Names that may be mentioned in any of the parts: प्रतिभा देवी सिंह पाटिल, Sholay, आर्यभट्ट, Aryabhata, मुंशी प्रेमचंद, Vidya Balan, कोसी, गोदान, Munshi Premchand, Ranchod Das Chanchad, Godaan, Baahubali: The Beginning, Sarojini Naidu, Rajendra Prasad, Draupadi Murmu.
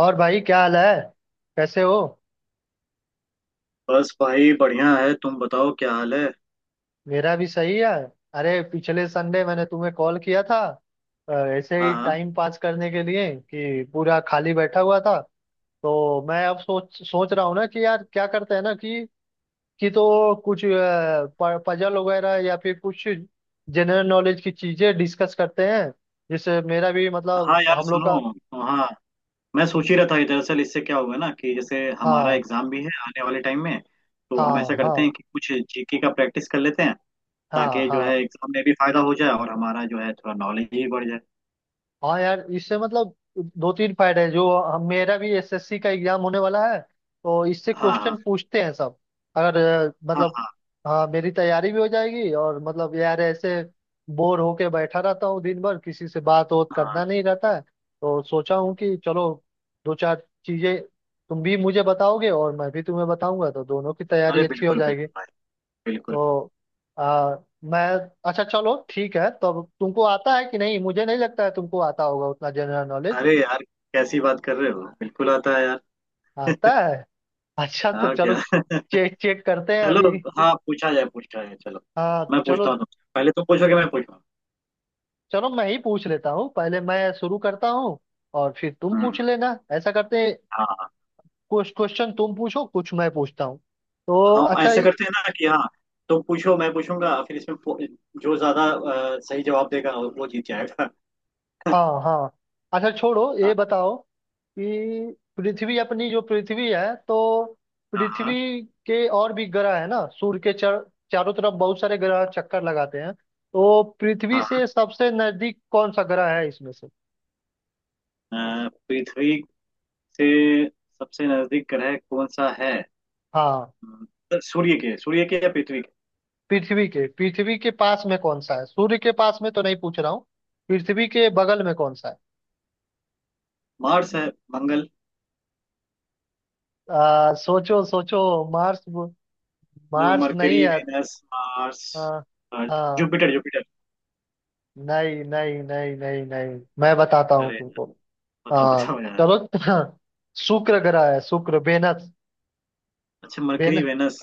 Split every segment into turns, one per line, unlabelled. और भाई, क्या हाल है? कैसे हो?
बस भाई बढ़िया है। तुम बताओ क्या हाल है।
मेरा भी सही है। अरे पिछले संडे मैंने तुम्हें कॉल किया था। अ, ऐसे
हाँ
ही
हाँ।
टाइम पास करने के लिए कि पूरा खाली बैठा हुआ था। तो मैं अब सोच सोच रहा हूँ ना कि यार, क्या करते हैं ना कि तो कुछ पजल वगैरह या फिर कुछ जनरल नॉलेज की चीजें डिस्कस करते हैं, जिससे मेरा भी, मतलब
हाँ यार
हम लोग का।
सुनो। हाँ। मैं सोच ही रहा था कि दरअसल इससे क्या होगा ना कि जैसे हमारा
हाँ,
एग्जाम भी है आने वाले टाइम में। तो हम ऐसा
हाँ।
करते
हाँ,
हैं कि कुछ जीके का प्रैक्टिस कर लेते हैं।
हाँ।
ताकि जो
हाँ,
है एग्जाम में भी फायदा हो जाए और हमारा जो है थोड़ा नॉलेज भी बढ़ जाए।
हाँ यार, इससे मतलब दो तीन फायदे हैं, जो मेरा भी एसएससी का एग्जाम होने वाला है। तो इससे
हाँ
क्वेश्चन
हाँ।
पूछते हैं सब। अगर
हाँ
मतलब।
हाँ।
हाँ, मेरी तैयारी भी हो जाएगी और मतलब यार, ऐसे बोर होके बैठा रहता हूँ दिन भर, किसी से बात वोत
हाँ।
करना नहीं रहता है, तो सोचा हूँ कि चलो दो चार चीजें तुम भी मुझे बताओगे और मैं भी तुम्हें बताऊंगा, तो दोनों की तैयारी
अरे
अच्छी हो
बिल्कुल
जाएगी।
बिल्कुल भाई। बिल्कुल।
तो आ, मैं, अच्छा चलो ठीक है। तो तुमको आता है कि नहीं? मुझे नहीं लगता है तुमको आता होगा उतना जनरल नॉलेज।
अरे यार कैसी बात कर रहे हो बिल्कुल आता है यार।
आता है? अच्छा तो
यार
चलो,
क्या
चेक चेक करते हैं
चलो।
अभी।
हाँ पूछा जाए चलो।
हाँ
मैं
चलो,
पूछता हूँ तुमसे पहले तुम पूछोगे मैं पूछूँ।
चलो, मैं ही पूछ लेता हूँ, पहले मैं शुरू करता हूँ और फिर तुम
हम्म।
पूछ लेना, ऐसा करते हैं।
हाँ।
कुछ क्वेश्चन तुम पूछो, कुछ मैं पूछता हूँ। तो
हाँ
अच्छा।
ऐसे करते हैं ना कि हाँ। तुम पूछो मैं पूछूंगा फिर इसमें जो ज्यादा सही जवाब देगा वो जीत जाएगा।
हाँ, हाँ। अच्छा छोड़ो, ये
हाँ
बताओ कि पृथ्वी अपनी, जो पृथ्वी है तो
हाँ। हाँ
पृथ्वी के और भी ग्रह है ना, सूर्य के चारों तरफ बहुत सारे ग्रह चक्कर लगाते हैं। तो पृथ्वी
हाँ।
से सबसे नजदीक कौन सा ग्रह है इसमें से?
हाँ। पृथ्वी से सबसे नजदीक ग्रह कौन सा है।
हाँ,
सूर्य के या पृथ्वी के।
पृथ्वी के पास में कौन सा है? सूर्य के पास में तो नहीं पूछ रहा हूँ। पृथ्वी के बगल में कौन सा है?
मार्स है। मंगल।
सोचो, सोचो। मार्स? मार्स नहीं
मरकरी
है।
वेनस मार्स
हाँ,
अर्थ
हाँ।
Jupiter Jupiter.
नहीं नहीं नहीं नहीं नहीं, मैं बताता हूँ
अरे
तुमको।
बताओ
हाँ,
बताओ यार।
चलो। शुक्र ग्रह है, शुक्र, वेनस।
अच्छा
वेन
मरकरी वेनस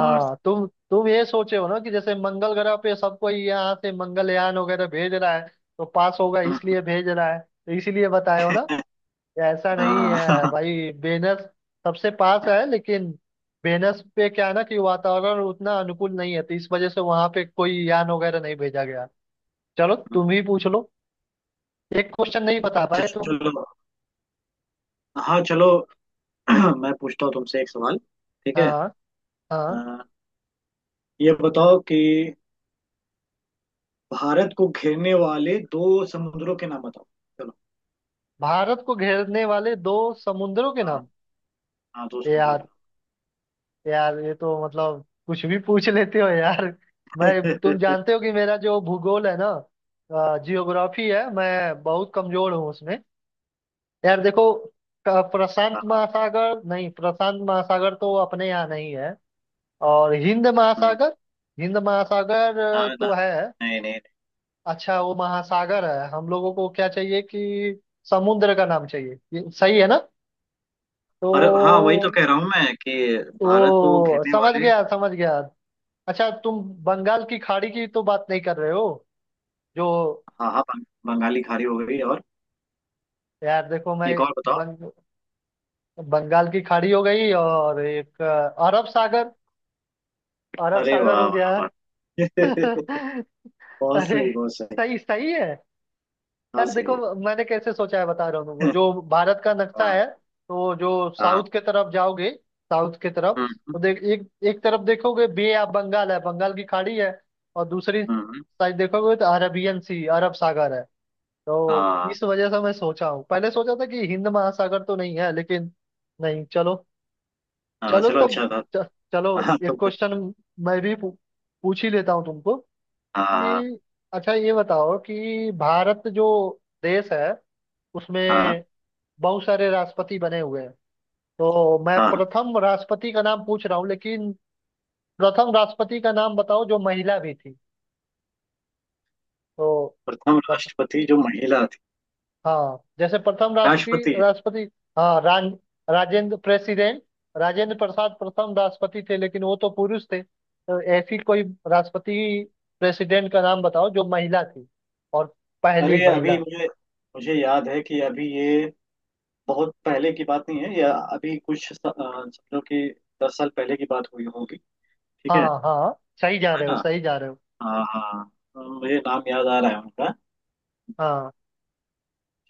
मार्स।
तुम ये सोचे हो ना कि जैसे मंगल ग्रह पे सब कोई यहाँ से मंगलयान वगैरह भेज रहा है, तो पास होगा
हम्म,
इसलिए भेज रहा है, तो इसीलिए बताए हो ना। ऐसा नहीं
हाँ
है भाई। वेनस सबसे पास है लेकिन वेनस पे क्या है ना कि वातावरण उतना अनुकूल नहीं है, तो इस वजह से वहां पे कोई यान वगैरह नहीं भेजा गया। चलो तुम ही पूछ लो, एक क्वेश्चन नहीं बता
अच्छा
पाए तुम।
चलो। हाँ चलो। मैं पूछता हूँ तुमसे एक सवाल। ठीक है।
हाँ,
अ,
हाँ।
ये बताओ कि भारत को घेरने वाले दो समुद्रों के नाम बताओ। चलो।
भारत को घेरने वाले दो समुद्रों के
हाँ
नाम।
हाँ दो समुद्रों के
यार, यार ये तो मतलब कुछ भी पूछ लेते हो यार। मैं तुम
नाम।
जानते हो कि मेरा जो भूगोल है ना, जियोग्राफी है, मैं बहुत कमजोर हूँ उसमें। यार देखो, प्रशांत
हाँ।
महासागर नहीं, प्रशांत महासागर तो अपने यहाँ नहीं है। और हिंद
हम्म,
महासागर। हिंद महासागर
ना, ना,
तो है।
नहीं नहीं नहीं।
अच्छा वो महासागर है, हम लोगों को क्या चाहिए कि समुद्र का नाम चाहिए, ये सही है ना? तो
और हाँ वही तो कह रहा हूँ मैं कि भारत को
वो
घेरने
समझ
वाले।
गया, समझ गया। अच्छा तुम बंगाल की खाड़ी की तो बात नहीं कर रहे हो? जो,
हाँ हाँ बंगाली खाड़ी हो गई और
यार देखो मैं,
एक और बताओ।
बंग, बंगाल की खाड़ी हो गई और एक अरब सागर, अरब
अरे
सागर
वाह
हो गया।
वाह वाह बहुत
अरे,
सही बहुत सही।
सही, सही है।
हाँ
यार
सही
देखो,
है।
मैंने कैसे सोचा है बता रहा हूँ। वो जो भारत का नक्शा
हाँ
है, तो जो
हाँ
साउथ के तरफ जाओगे, साउथ के तरफ,
हम्म
तो देख एक एक तरफ देखोगे, बे ऑफ बंगाल है, बंगाल की खाड़ी है। और दूसरी
हम्म, हम्म,
साइड देखोगे तो अरबियन सी, अरब सागर है। तो
हाँ
इस वजह से मैं सोचा हूँ, पहले सोचा था कि हिंद महासागर तो नहीं है, लेकिन नहीं, चलो।
हाँ।
चलो
चलो
तो
अच्छा था।
च, चलो,
हाँ
एक
तो कुछ।
क्वेश्चन मैं भी पूछ ही लेता हूँ तुमको
हाँ
कि, अच्छा ये बताओ कि भारत जो देश है,
हाँ
उसमें बहुत सारे राष्ट्रपति बने हुए हैं, तो मैं
हाँ।
प्रथम राष्ट्रपति का नाम पूछ रहा हूँ, लेकिन प्रथम राष्ट्रपति का नाम बताओ जो महिला भी थी। तो
प्रथम
बत,
राष्ट्रपति जो महिला थी
हाँ, जैसे प्रथम राष्ट्रपति
राष्ट्रपति।
राष्ट्रपति हाँ, राजेंद्र, प्रेसिडेंट, राजेंद्र प्रसाद प्रथम राष्ट्रपति थे, लेकिन वो तो पुरुष थे, तो ऐसी कोई राष्ट्रपति, प्रेसिडेंट का नाम बताओ जो महिला थी, और पहली
अरे अभी
महिला।
मुझे मुझे याद है कि अभी ये बहुत पहले की बात नहीं है या अभी कुछ समझो कि 10 साल पहले की बात हुई होगी। ठीक है।
हाँ, हाँ, सही जा
है
रहे हो,
ना।
सही जा रहे हो।
हाँ हाँ। मुझे नाम याद आ रहा है उनका।
हाँ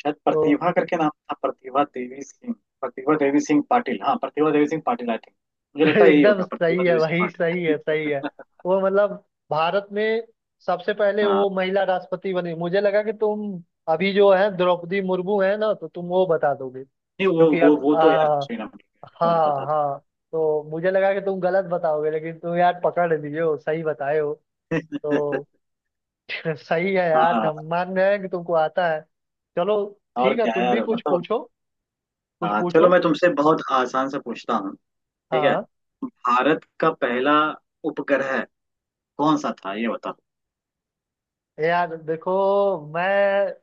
शायद
तो
प्रतिभा करके नाम था प्रतिभा देवी सिंह। प्रतिभा देवी सिंह पाटिल हाँ प्रतिभा देवी सिंह पाटिल आई थिंक। मुझे लगता है यही
एकदम
होगा
सही
प्रतिभा
है
देवी सिंह
भाई, सही है, सही है।
पाटिल।
वो मतलब भारत में सबसे पहले
हाँ।
वो महिला राष्ट्रपति बनी। मुझे लगा कि तुम अभी जो है द्रौपदी मुर्मू है ना, तो तुम वो बता दोगे,
नहीं वो
क्योंकि
वो
अब
वो तो यार दूसरे नाम की है, तुम्हें
हाँ,
पता था।
हाँ, तो मुझे लगा कि तुम गलत बताओगे, लेकिन तुम यार पकड़ लिए हो, सही बताए हो। तो सही है यार, हम
हाँ।
मान रहे हैं कि तुमको आता है। चलो
और
ठीक है,
क्या
तुम भी
यार
कुछ
बताओ।
पूछो, कुछ
हाँ चलो
पूछो।
मैं तुमसे बहुत आसान से पूछता हूँ। ठीक है।
हाँ
भारत का पहला उपग्रह कौन सा था ये बताओ।
यार देखो, मैं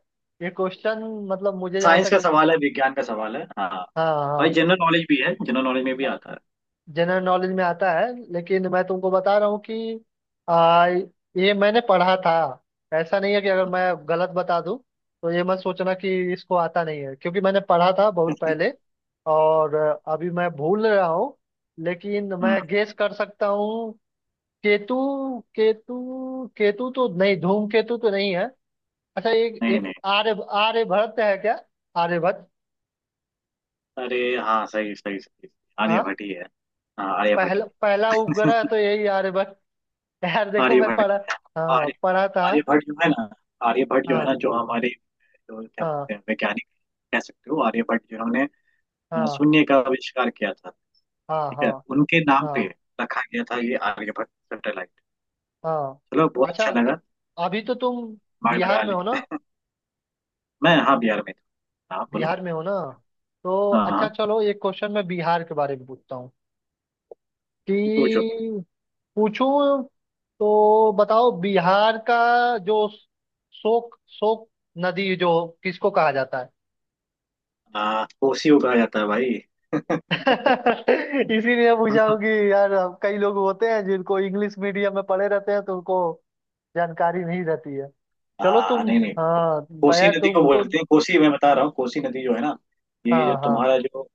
ये क्वेश्चन, मतलब मुझे जहाँ
साइंस का
तक,
सवाल है विज्ञान का सवाल है हाँ।
हाँ,
और
हाँ,
जनरल नॉलेज भी है जनरल नॉलेज में भी आता है।
जनरल नॉलेज में आता है, लेकिन मैं तुमको बता रहा हूँ कि आ, ये मैंने पढ़ा था। ऐसा नहीं है कि अगर मैं गलत बता दूँ तो ये मत सोचना कि इसको आता नहीं है, क्योंकि मैंने पढ़ा था बहुत पहले, और अभी मैं भूल रहा हूँ, लेकिन
हम्म,
मैं गेस कर सकता हूँ। केतु, केतु, केतु तो नहीं, धूमकेतु तो नहीं है। अच्छा एक
नहीं
एक
नहीं।
आर्यभट्ट है क्या? आर्यभट्ट।
अरे हाँ सही सही सही।
हाँ,
आर्यभट्ट ही है। हाँ आर्यभट्ट ही
पहला, पहला
है।
उपग्रह तो यही आर्यभट्ट। यार देखो मैं
आर्यभट्ट
पढ़ा,
ही है।
हाँ
आर्य
पढ़ा था।
आर्यभट्ट जो है ना। आर्यभट्ट जो है
हाँ,
ना जो हमारे जो क्या
हाँ।
बोलते हैं वैज्ञानिक कह सकते हो आर्यभट्ट जिन्होंने
हाँ,
शून्य का आविष्कार किया था।
हाँ।
ठीक है
हाँ,
उनके नाम
हाँ,
पे रखा गया था ये आर्यभट्ट सैटेलाइट।
हाँ।
चलो बहुत
अच्छा
अच्छा लगा।
अभी तो तुम
दिमाग
बिहार
लगा
में हो ना?
लिया। मैं हाँ बिहार में था। हाँ बोलो।
बिहार में हो ना? तो
हाँ हाँ
अच्छा चलो, एक क्वेश्चन मैं बिहार के बारे में पूछता हूँ
पूछो।
कि, पूछूं? तो बताओ, बिहार का जो शोक शोक नदी, जो किसको कहा जाता है?
हाँ कोसी को कहा जाता है भाई।
इसीलिए पूछा हूँ कि यार, हम कई लोग होते हैं जिनको इंग्लिश मीडियम में पढ़े रहते हैं, तो उनको जानकारी नहीं रहती है। चलो
हाँ
तुम,
नहीं नहीं
हाँ
कोसी
मैं
नदी को
तुमको।
बोलते हैं कोसी। मैं बता रहा हूँ कोसी नदी जो है ना। ये जो
हाँ, हाँ।
तुम्हारा जो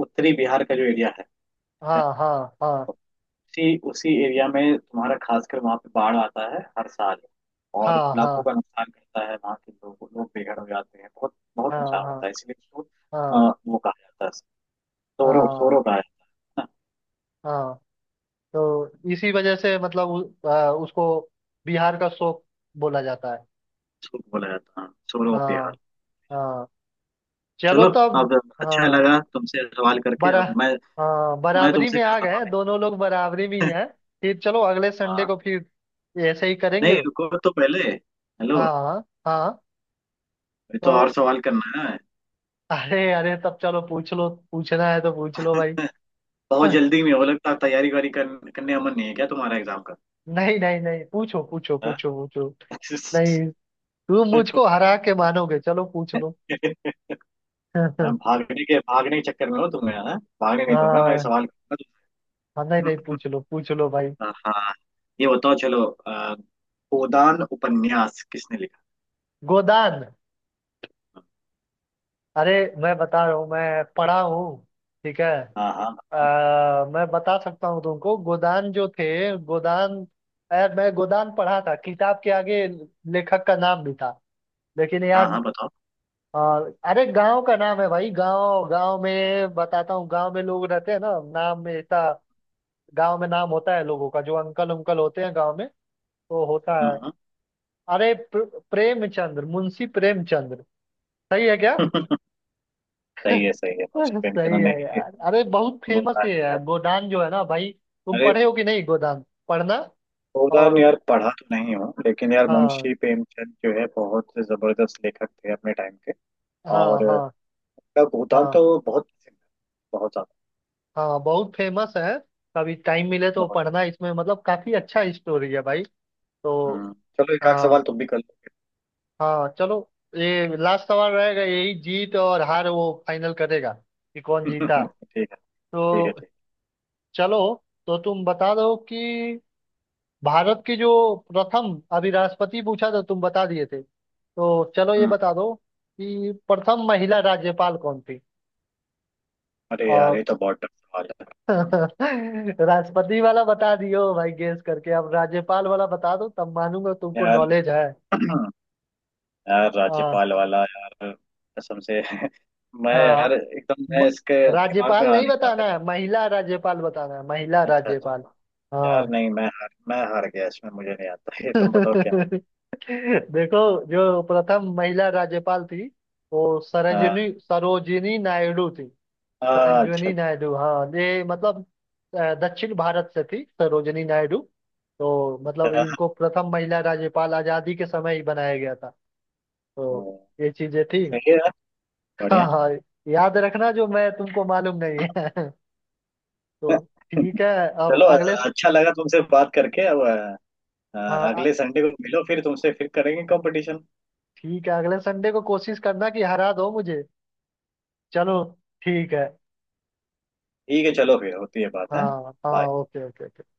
उत्तरी बिहार का जो एरिया है।
हाँ, हाँ।
उसी उसी एरिया में तुम्हारा खासकर वहाँ पे बाढ़ आता है हर साल।
हाँ,
और लाखों
हाँ।
का नुकसान करता है वहाँ के लोग लोग बेघर हो जाते हैं बहुत बहुत
हाँ,
नुकसान
हाँ।
होता है इसलिए उसको
हाँ,
वो कहा जाता है।
हाँ।
सोरो सोरो
हाँ,
कहा जाता है ना।
हाँ। तो इसी वजह से मतलब उसको बिहार का शोक बोला जाता है।
उसको बोला जाता है हाँ, सोरो ऑफ बिहार।
हाँ, हाँ। चलो
चलो।
तब।
अब। अच्छा
हाँ
लगा तुमसे सवाल करके
बरा
अब मैं।
हाँ,
मैं
बराबरी
तुमसे
में आ
करता हूँ।
गए, दोनों लोग बराबरी में ही हैं। फिर चलो अगले संडे
हाँ।
को फिर ऐसे ही
नहीं
करेंगे।
रुको तो पहले हेलो।
हाँ, हाँ।
अभी तो और
तो
सवाल करना है।
अरे, अरे तब चलो, पूछ लो, पूछना है तो पूछ लो भाई।
बहुत
हाँ,
जल्दी में हो लगता है तैयारी वारी करने का मन नहीं है क्या तुम्हारा एग्जाम का।
नहीं नहीं नहीं, पूछो, पूछो,
हाँ?
पूछो, पूछो। नहीं, तुम मुझको हरा के मानोगे, चलो पूछ लो।
मैं
हाँ।
भागने के चक्कर में हो तुम्हें हाँ भागने नहीं दूंगा मैं
हाँ,
सवाल करूंगा।
नहीं नहीं, पूछ लो, पूछ लो भाई।
हाँ। ये बताओ चलो गोदान उपन्यास किसने लिखा।
गोदान? अरे, मैं बता रहा हूँ, मैं पढ़ा हूँ, ठीक है।
हाँ हाँ बताओ।
मैं बता सकता हूँ तुमको, गोदान जो थे, गोदान, यार मैं गोदान पढ़ा था, किताब के आगे लेखक का नाम भी था, लेकिन यार
हाँ हाँ बताओ।
आ, अरे, गांव का नाम है भाई, गांव गांव में बताता हूँ, गांव में लोग रहते हैं ना, नाम में ऐसा गांव में नाम होता है लोगों का, जो अंकल उंकल होते हैं गांव में, वो होता
हाँ
है।
हाँ।
अरे, प्रेमचंद्र, मुंशी प्रेमचंद्र, सही है क्या?
सही है मुंशी
सही
प्रेमचंद ने
है
ही
यार, अरे बहुत फेमस
गोदान
है यार
लिखा
गोदान जो है ना भाई।
था।
तुम
अरे।
पढ़े हो कि नहीं गोदान? पढ़ना।
गोदान
और
यार पढ़ा तो नहीं हूँ लेकिन यार
हाँ,
मुंशी प्रेमचंद जो है बहुत जबरदस्त लेखक थे अपने टाइम के।
हाँ।
और
हाँ,
उनका गोदान
हाँ।
तो बहुत पसंद है बहुत ज्यादा
हाँ बहुत फेमस है, कभी टाइम मिले तो
बहुत
पढ़ना, इसमें मतलब काफी अच्छा स्टोरी है भाई। तो
ज्यादा। हम्म। चलो एक आध
हाँ,
सवाल तुम भी कर लो।
हाँ, चलो, ये लास्ट सवाल रहेगा, यही जीत और हार वो फाइनल करेगा कि कौन जीता।
ठीक है ठीक है।
तो
ठीक है।
चलो, तो तुम बता दो कि भारत की जो प्रथम, अभी राष्ट्रपति पूछा तो तुम बता दिए थे, तो चलो ये
हम्म,
बता दो कि प्रथम महिला राज्यपाल कौन थी?
अरे यार
और
ये तो बहुत टफ सवाल है।
राष्ट्रपति वाला बता दियो भाई गेस करके, अब राज्यपाल वाला बता दो, तब मानूंगा तुमको
यार
नॉलेज है।
यार
हाँ,
राज्यपाल वाला यार कसम से मैं यार
हाँ,
एकदम
म-
मैं इसके दिमाग में
राज्यपाल
आ
नहीं
नहीं रहा
बताना
मेरे।
है, महिला राज्यपाल बताना है, महिला
अच्छा अच्छा।
राज्यपाल।
यार
हाँ
नहीं मैं हार गया इसमें मुझे नहीं आता ये तुम बताओ क्या होगा।
देखो, जो प्रथम महिला राज्यपाल थी, वो
हाँ,
सरोजिनी सरोजिनी नायडू थी। सरोजनी
अच्छा
नायडू, हाँ, ये मतलब दक्षिण भारत से थी सरोजनी नायडू। तो मतलब
अच्छा।
इनको प्रथम महिला राज्यपाल आजादी के समय ही बनाया गया था। तो
हम्म,
ये चीजें थी।
सही है यार
हाँ,
बढ़िया।
हाँ, याद रखना, जो मैं तुमको, मालूम नहीं है। तो ठीक है। अब
चलो
अगले
अच्छा लगा तुमसे बात करके अब अ,
हाँ,
अगले संडे को मिलो फिर तुमसे फिर करेंगे कंपटीशन।
ठीक है, अगले संडे को कोशिश करना कि हरा दो मुझे। चलो ठीक है।
ठीक है चलो फिर होती है बात है।
हाँ, हाँ,
Bye।
Okay, okay.